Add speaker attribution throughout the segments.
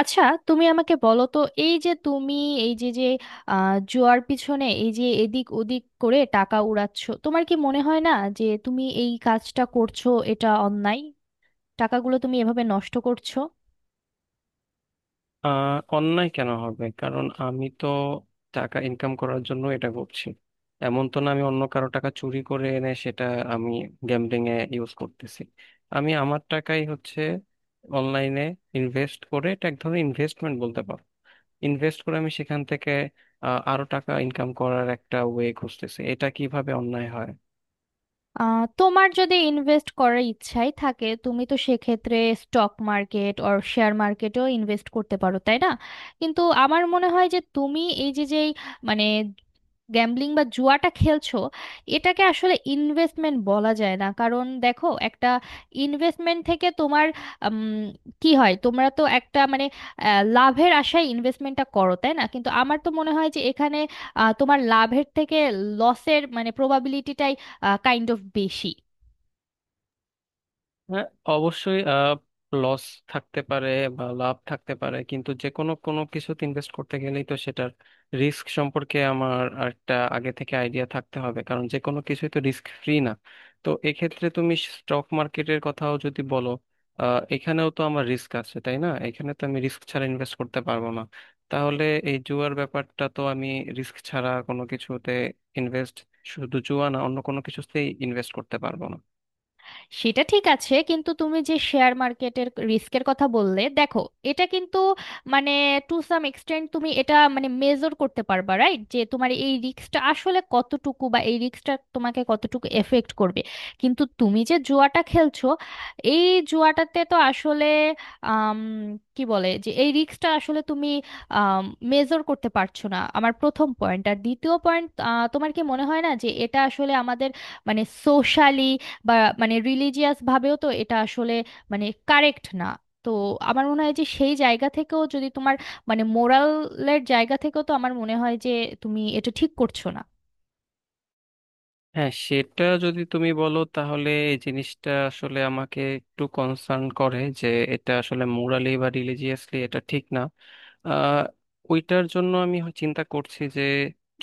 Speaker 1: আচ্ছা, তুমি আমাকে বলো তো, এই যে তুমি এই যে যে আহ, জুয়ার পিছনে এই যে এদিক ওদিক করে টাকা উড়াচ্ছ, তোমার কি মনে হয় না যে তুমি এই কাজটা করছো এটা অন্যায়? টাকাগুলো তুমি এভাবে নষ্ট করছো।
Speaker 2: অন্যায় কেন হবে? কারণ আমি তো টাকা ইনকাম করার জন্য এটা করছি। এমন তো না আমি অন্য কারো টাকা চুরি করে এনে সেটা আমি গ্যাম্বলিং এ ইউজ করতেছি। আমি আমার টাকাই হচ্ছে অনলাইনে ইনভেস্ট করে, এটা এক ধরনের ইনভেস্টমেন্ট বলতে পারো। ইনভেস্ট করে আমি সেখান থেকে আরো টাকা ইনকাম করার একটা ওয়ে খুঁজতেছি, এটা কিভাবে অন্যায় হয়?
Speaker 1: আহ, তোমার যদি ইনভেস্ট করার ইচ্ছাই থাকে তুমি তো সেক্ষেত্রে স্টক মার্কেট অর শেয়ার মার্কেটেও ইনভেস্ট করতে পারো, তাই না? কিন্তু আমার মনে হয় যে তুমি এই যে যেই মানে গ্যাম্বলিং বা জুয়াটা খেলছো এটাকে আসলে ইনভেস্টমেন্ট বলা যায় না, কারণ দেখো একটা ইনভেস্টমেন্ট থেকে তোমার উম, কি হয়, তোমরা তো একটা মানে লাভের আশায় ইনভেস্টমেন্টটা করো, তাই না? কিন্তু আমার তো মনে হয় যে এখানে তোমার লাভের থেকে লসের মানে প্রবাবিলিটিটাই কাইন্ড অফ বেশি।
Speaker 2: হ্যাঁ, অবশ্যই লস থাকতে পারে বা লাভ থাকতে পারে, কিন্তু যে কোনো কোনো কিছুতে ইনভেস্ট করতে গেলেই তো সেটার রিস্ক সম্পর্কে আমার একটা আগে থেকে আইডিয়া থাকতে হবে, কারণ যে কোনো কিছুই তো রিস্ক ফ্রি না। তো এক্ষেত্রে তুমি স্টক মার্কেটের কথাও যদি বলো, এখানেও তো আমার রিস্ক আছে, তাই না? এখানে তো আমি রিস্ক ছাড়া ইনভেস্ট করতে পারবো না। তাহলে এই জুয়ার ব্যাপারটা তো আমি রিস্ক ছাড়া কোনো কিছুতে ইনভেস্ট, শুধু জুয়া না, অন্য কোনো কিছুতেই ইনভেস্ট করতে পারবো না।
Speaker 1: সেটা ঠিক আছে, কিন্তু তুমি যে শেয়ার মার্কেটের রিস্কের কথা বললে, দেখো এটা কিন্তু মানে টু সাম এক্সটেন্ট তুমি এটা মানে মেজর করতে পারবা, রাইট? যে তোমার এই রিস্কটা আসলে কতটুকু বা এই রিস্কটা তোমাকে কতটুকু এফেক্ট করবে। কিন্তু তুমি যে জুয়াটা খেলছো এই জুয়াটাতে তো আসলে আম, কি বলে, যে এই রিস্কটা আসলে তুমি মেজর করতে পারছো না, আমার প্রথম পয়েন্ট। আর দ্বিতীয় পয়েন্ট, তোমার কি মনে হয় না যে এটা আসলে আমাদের মানে সোশ্যালি বা মানে রিলিজিয়াস ভাবেও তো এটা আসলে মানে কারেক্ট না? তো আমার মনে হয় যে সেই জায়গা থেকেও যদি তোমার মানে মোরালের জায়গা থেকেও, তো আমার মনে হয় যে তুমি এটা ঠিক করছো না।
Speaker 2: হ্যাঁ, সেটা যদি তুমি বলো তাহলে এই জিনিসটা আসলে আমাকে একটু কনসার্ন করে যে এটা আসলে মোরালি বা রিলিজিয়াসলি এটা ঠিক না। আহ, ওইটার জন্য আমি চিন্তা করছি যে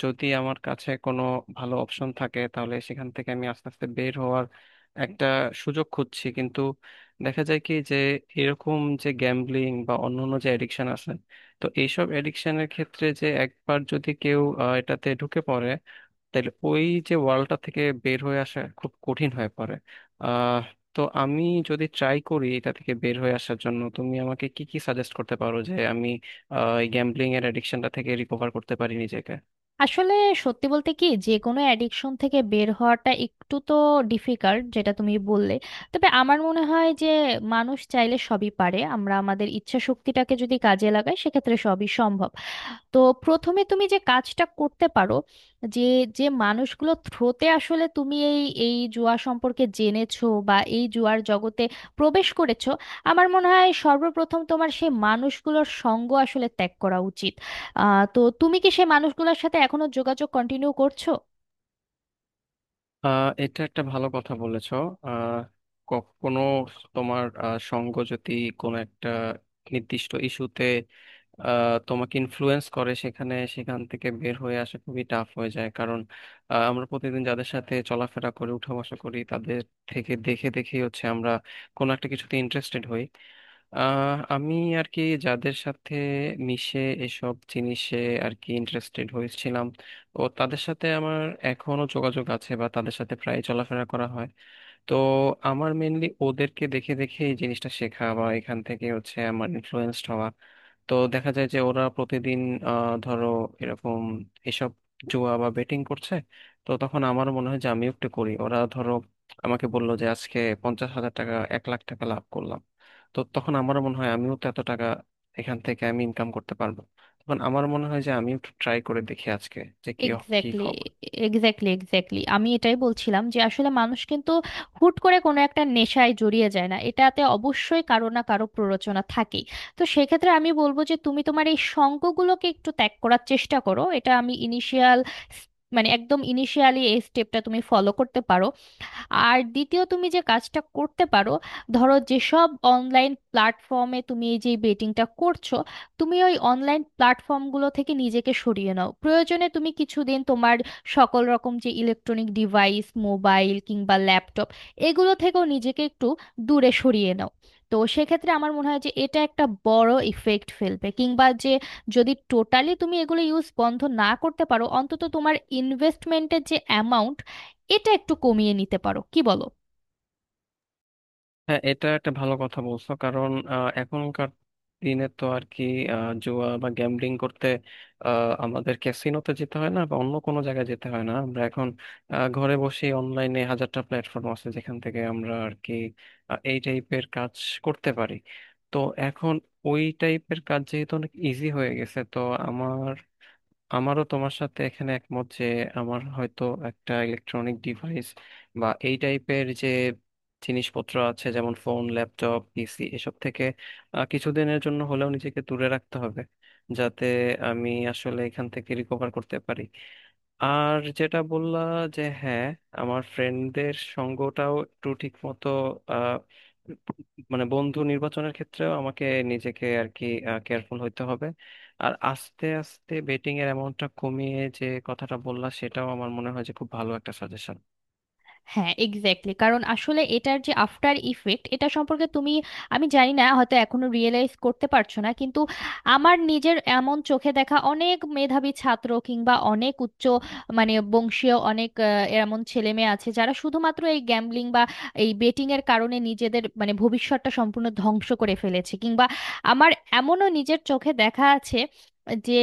Speaker 2: যদি আমার কাছে কোনো ভালো অপশন থাকে তাহলে সেখান থেকে আমি আস্তে আস্তে বের হওয়ার একটা সুযোগ খুঁজছি। কিন্তু দেখা যায় কি যে এরকম যে গ্যাম্বলিং বা অন্যান্য যে এডিকশন আছে, তো এইসব এডিকশনের ক্ষেত্রে যে একবার যদি কেউ এটাতে ঢুকে পড়ে তাইলে ওই যে ওয়ার্ল্ডটা থেকে বের হয়ে আসা খুব কঠিন হয়ে পড়ে। আহ তো আমি যদি ট্রাই করি এটা থেকে বের হয়ে আসার জন্য, তুমি আমাকে কি কি সাজেস্ট করতে পারো যে আমি এই গ্যাম্বলিং এর অ্যাডিকশনটা থেকে রিকভার করতে পারি নিজেকে?
Speaker 1: আসলে সত্যি বলতে কি, যে কোনো অ্যাডিকশন থেকে বের হওয়াটা একটু তো ডিফিকাল্ট, যেটা তুমি বললে। তবে আমার মনে হয় যে মানুষ চাইলে সবই পারে, আমরা আমাদের ইচ্ছা শক্তিটাকে যদি কাজে লাগাই সেক্ষেত্রে সবই সম্ভব। তো প্রথমে তুমি যে কাজটা করতে পারো, যে যে মানুষগুলো থ্রোতে আসলে তুমি এই এই জুয়া সম্পর্কে জেনেছো বা এই জুয়ার জগতে প্রবেশ করেছো, আমার মনে হয় সর্বপ্রথম তোমার সেই মানুষগুলোর সঙ্গ আসলে ত্যাগ করা উচিত। তো তুমি কি সেই মানুষগুলোর সাথে এখনো যোগাযোগ কন্টিনিউ করছো?
Speaker 2: এটা একটা ভালো কথা বলেছো। আহ কখনো তোমার সঙ্গ যদি কোনো একটা নির্দিষ্ট ইস্যুতে তোমাকে ইনফ্লুয়েন্স করে সেখানে থেকে বের হয়ে আসা খুবই টাফ হয়ে যায়। কারণ আমরা প্রতিদিন যাদের সাথে চলাফেরা করি, উঠা বসা করি, তাদের থেকে দেখে দেখেই হচ্ছে আমরা কোনো একটা কিছুতে ইন্টারেস্টেড হই। আমি আর কি যাদের সাথে মিশে এসব জিনিসে আর কি ইন্টারেস্টেড হয়েছিলাম, ও তাদের সাথে আমার এখনো যোগাযোগ আছে বা তাদের সাথে প্রায় চলাফেরা করা হয়। তো আমার মেনলি ওদেরকে দেখে দেখে এই জিনিসটা শেখা বা এখান থেকে হচ্ছে আমার ইনফ্লুয়েন্সড হওয়া। তো দেখা যায় যে ওরা প্রতিদিন ধরো এরকম এসব জুয়া বা বেটিং করছে, তো তখন আমার মনে হয় যে আমিও একটু করি। ওরা ধরো আমাকে বললো যে আজকে 50,000 টাকা, 1,00,000 টাকা লাভ করলাম, তো তখন আমার মনে হয় আমিও তো এত টাকা এখান থেকে আমি ইনকাম করতে পারবো। তখন আমার মনে হয় যে আমিও একটু ট্রাই করে দেখি আজকে যে কি কি
Speaker 1: এক্স্যাক্টলি,
Speaker 2: খবর।
Speaker 1: এক্স্যাক্টলি, এক্স্যাক্টলি, আমি এটাই বলছিলাম যে আসলে মানুষ কিন্তু হুট করে কোনো একটা নেশায় জড়িয়ে যায় না, এটাতে অবশ্যই কারো না কারো প্ররোচনা থাকেই। তো সেক্ষেত্রে আমি বলবো যে তুমি তোমার এই সঙ্গগুলোকে একটু ত্যাগ করার চেষ্টা করো, এটা আমি ইনিশিয়াল মানে একদম ইনিশিয়ালি এই স্টেপটা তুমি ফলো করতে পারো। আর দ্বিতীয় তুমি যে কাজটা করতে পারো, ধরো যেসব অনলাইন প্ল্যাটফর্মে তুমি এই যে বেটিংটা করছো, তুমি ওই অনলাইন প্ল্যাটফর্মগুলো থেকে নিজেকে সরিয়ে নাও। প্রয়োজনে তুমি কিছুদিন তোমার সকল রকম যে ইলেকট্রনিক ডিভাইস মোবাইল কিংবা ল্যাপটপ, এগুলো থেকেও নিজেকে একটু দূরে সরিয়ে নাও। তো সেক্ষেত্রে আমার মনে হয় যে এটা একটা বড় ইফেক্ট ফেলবে, কিংবা যে যদি টোটালি তুমি এগুলো ইউজ বন্ধ না করতে পারো, অন্তত তোমার ইনভেস্টমেন্টের যে অ্যামাউন্ট এটা একটু কমিয়ে নিতে পারো, কি বলো?
Speaker 2: হ্যাঁ, এটা একটা ভালো কথা বলছো। কারণ এখনকার দিনে তো আর কি জুয়া বা গ্যাম্বলিং করতে আমাদের ক্যাসিনোতে যেতে হয় না বা অন্য কোনো জায়গায় যেতে হয় না, আমরা এখন ঘরে বসে অনলাইনে হাজারটা প্ল্যাটফর্ম আছে যেখান থেকে আমরা আর কি এই টাইপের কাজ করতে পারি। তো এখন ওই টাইপের কাজ যেহেতু অনেক ইজি হয়ে গেছে, তো আমার, আমারও তোমার সাথে এখানে একমত যে আমার হয়তো একটা ইলেকট্রনিক ডিভাইস বা এই টাইপের যে জিনিসপত্র আছে যেমন ফোন, ল্যাপটপ, পিসি, এসব থেকে কিছুদিনের জন্য হলেও নিজেকে দূরে রাখতে হবে, যাতে আমি আসলে এখান থেকে রিকভার করতে পারি। আর যেটা বললা যে হ্যাঁ, আমার ফ্রেন্ডদের সঙ্গটাও একটু ঠিক মতো, আহ, মানে বন্ধু নির্বাচনের ক্ষেত্রেও আমাকে নিজেকে আর কি কেয়ারফুল হইতে হবে। আর আস্তে আস্তে বেটিং এর অ্যামাউন্টটা কমিয়ে যে কথাটা বললা সেটাও আমার মনে হয় যে খুব ভালো একটা সাজেশন।
Speaker 1: হ্যাঁ, এক্স্যাক্টলি। কারণ আসলে এটার যে আফটার ইফেক্ট এটা সম্পর্কে তুমি, আমি জানি না হয়তো এখনো রিয়েলাইজ করতে পারছো না, কিন্তু আমার নিজের এমন চোখে দেখা অনেক মেধাবী ছাত্র কিংবা অনেক উচ্চ মানে বংশীয় অনেক এমন ছেলে মেয়ে আছে যারা শুধুমাত্র এই গ্যাম্বলিং বা এই বেটিং এর কারণে নিজেদের মানে ভবিষ্যৎটা সম্পূর্ণ ধ্বংস করে ফেলেছে। কিংবা আমার এমনও নিজের চোখে দেখা আছে যে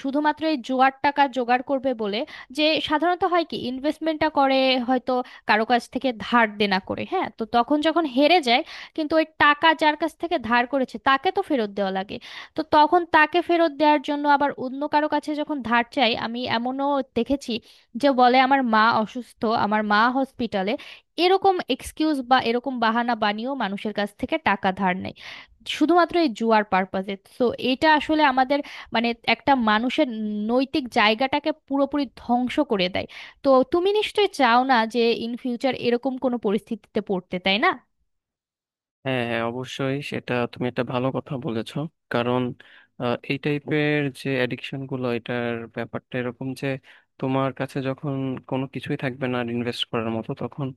Speaker 1: শুধুমাত্র এই জোয়ার টাকা জোগাড় করবে বলে, যে সাধারণত হয় কি ইনভেস্টমেন্টটা করে হয়তো কারো কাছ থেকে ধার দেনা করে, হ্যাঁ, তো তখন যখন হেরে যায়, কিন্তু ওই টাকা যার কাছ থেকে ধার করেছে তাকে তো ফেরত দেওয়া লাগে। তো তখন তাকে ফেরত দেওয়ার জন্য আবার অন্য কারো কাছে যখন ধার চাই, আমি এমনও দেখেছি যে বলে আমার মা অসুস্থ, আমার মা হসপিটালে, এরকম এক্সকিউজ বা এরকম বাহানা বানিয়েও মানুষের কাছ থেকে টাকা ধার নেয় শুধুমাত্র এই জুয়ার পারপাজে। তো এটা আসলে আমাদের মানে একটা মানুষের নৈতিক জায়গাটাকে পুরোপুরি ধ্বংস করে দেয়। তো তুমি নিশ্চয়ই চাও না যে ইন ফিউচার এরকম কোনো পরিস্থিতিতে পড়তে, তাই না?
Speaker 2: হ্যাঁ, হ্যাঁ, অবশ্যই সেটা তুমি একটা ভালো কথা বলেছো। কারণ এই টাইপের যে অ্যাডিকশন গুলো এটার ব্যাপারটা এরকম যে তোমার কাছে যখন কোনো কিছুই থাকবে না ইনভেস্ট করার মতো, তখন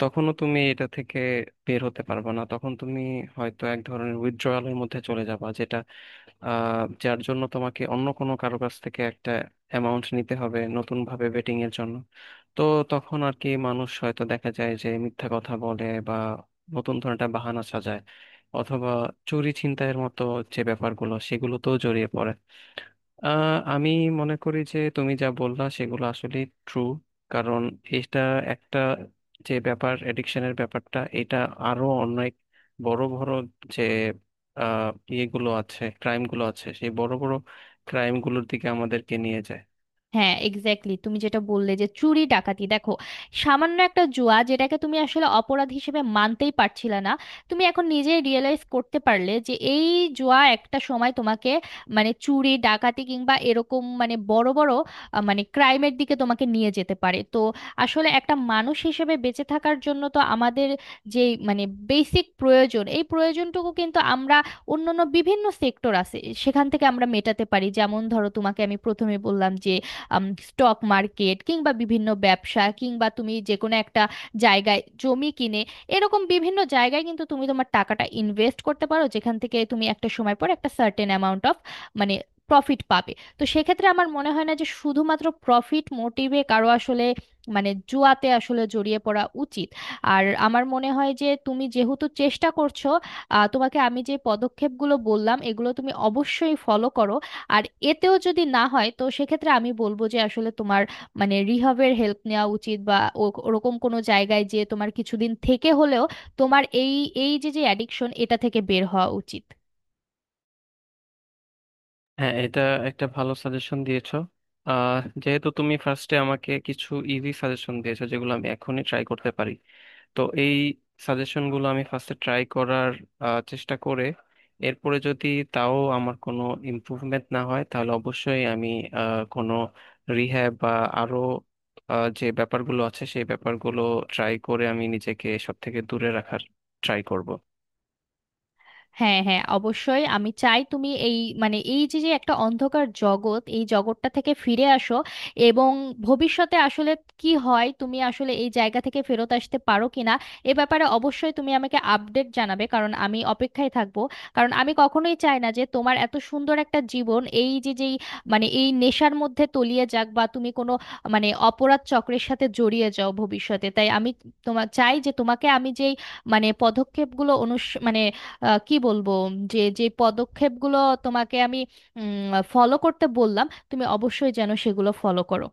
Speaker 2: তখনও তুমি এটা থেকে বের হতে পারবে না। তখন তুমি হয়তো এক ধরনের উইথড্রয়ালের মধ্যে চলে যাবা, যেটা যার জন্য তোমাকে অন্য কোনো কারো কাছ থেকে একটা অ্যামাউন্ট নিতে হবে নতুন ভাবে বেটিং এর জন্য। তো তখন আর কি মানুষ হয়তো দেখা যায় যে মিথ্যা কথা বলে বা নতুন ধরনের একটা বাহানা সাজায়, অথবা চুরি ছিনতাইয়ের মতো যে ব্যাপারগুলো সেগুলোতেও জড়িয়ে পড়ে। আমি মনে করি যে তুমি যা বললা সেগুলো আসলে ট্রু, কারণ এটা একটা যে ব্যাপার, এডিকশনের ব্যাপারটা এটা আরো অনেক বড় বড় যে আহ, ইয়েগুলো আছে, ক্রাইমগুলো আছে, সেই বড় বড় ক্রাইমগুলোর দিকে আমাদেরকে নিয়ে যায়।
Speaker 1: হ্যাঁ এক্স্যাক্টলি, তুমি যেটা বললে যে চুরি ডাকাতি, দেখো সামান্য একটা জুয়া যেটাকে তুমি আসলে অপরাধ হিসেবে মানতেই পারছিলে না, তুমি এখন নিজে রিয়েলাইজ করতে পারলে যে এই জুয়া একটা সময় তোমাকে মানে চুরি ডাকাতি কিংবা এরকম মানে বড় বড় মানে ক্রাইমের দিকে তোমাকে নিয়ে যেতে পারে। তো আসলে একটা মানুষ হিসেবে বেঁচে থাকার জন্য তো আমাদের যে মানে বেসিক প্রয়োজন, এই প্রয়োজনটুকু কিন্তু আমরা, অন্যান্য বিভিন্ন সেক্টর আছে সেখান থেকে আমরা মেটাতে পারি। যেমন ধরো, তোমাকে আমি প্রথমে বললাম যে স্টক মার্কেট কিংবা বিভিন্ন ব্যবসা কিংবা তুমি যে কোনো একটা জায়গায় জমি কিনে এরকম বিভিন্ন জায়গায় কিন্তু তুমি তোমার টাকাটা ইনভেস্ট করতে পারো, যেখান থেকে তুমি একটা সময় পর একটা সার্টেন অ্যামাউন্ট অফ মানে প্রফিট পাবে। তো সেক্ষেত্রে আমার মনে হয় না যে শুধুমাত্র প্রফিট মোটিভে কারো আসলে মানে জুয়াতে আসলে জড়িয়ে পড়া উচিত। আর আমার মনে হয় যে তুমি যেহেতু চেষ্টা করছো, তোমাকে আমি যে পদক্ষেপগুলো বললাম এগুলো তুমি অবশ্যই ফলো করো। আর এতেও যদি না হয় তো সেক্ষেত্রে আমি বলবো যে আসলে তোমার মানে রিহাবের হেল্প নেওয়া উচিত, বা ওরকম কোনো জায়গায় যে তোমার কিছুদিন থেকে হলেও তোমার এই এই যে যে অ্যাডিকশন এটা থেকে বের হওয়া উচিত।
Speaker 2: হ্যাঁ, এটা একটা ভালো সাজেশন দিয়েছো। যেহেতু তুমি ফার্স্টে আমাকে কিছু ইজি সাজেশন দিয়েছো যেগুলো আমি এখনই ট্রাই করতে পারি, তো এই সাজেশনগুলো আমি ফার্স্টে ট্রাই করার চেষ্টা করে এরপরে যদি তাও আমার কোনো ইমপ্রুভমেন্ট না হয় তাহলে অবশ্যই আমি কোনো রিহ্যাব বা আরো যে ব্যাপারগুলো আছে সেই ব্যাপারগুলো ট্রাই করে আমি নিজেকে সব থেকে দূরে রাখার ট্রাই করব।
Speaker 1: হ্যাঁ হ্যাঁ অবশ্যই, আমি চাই তুমি এই মানে এই যে যে একটা অন্ধকার জগৎ এই জগৎটা থেকে ফিরে আসো। এবং ভবিষ্যতে আসলে কি হয় তুমি আসলে এই জায়গা থেকে ফেরত আসতে পারো কিনা, এ ব্যাপারে অবশ্যই তুমি আমাকে আপডেট জানাবে, কারণ আমি অপেক্ষায় থাকবো। কারণ আমি কখনোই চাই না যে তোমার এত সুন্দর একটা জীবন এই যে যেই মানে এই নেশার মধ্যে তলিয়ে যাক বা তুমি কোনো মানে অপরাধ চক্রের সাথে জড়িয়ে যাও ভবিষ্যতে, তাই আমি তোমার চাই যে তোমাকে আমি যেই মানে পদক্ষেপগুলো মানে কি বলবো যে যে পদক্ষেপগুলো তোমাকে আমি ফলো করতে বললাম, তুমি অবশ্যই যেন সেগুলো ফলো করো।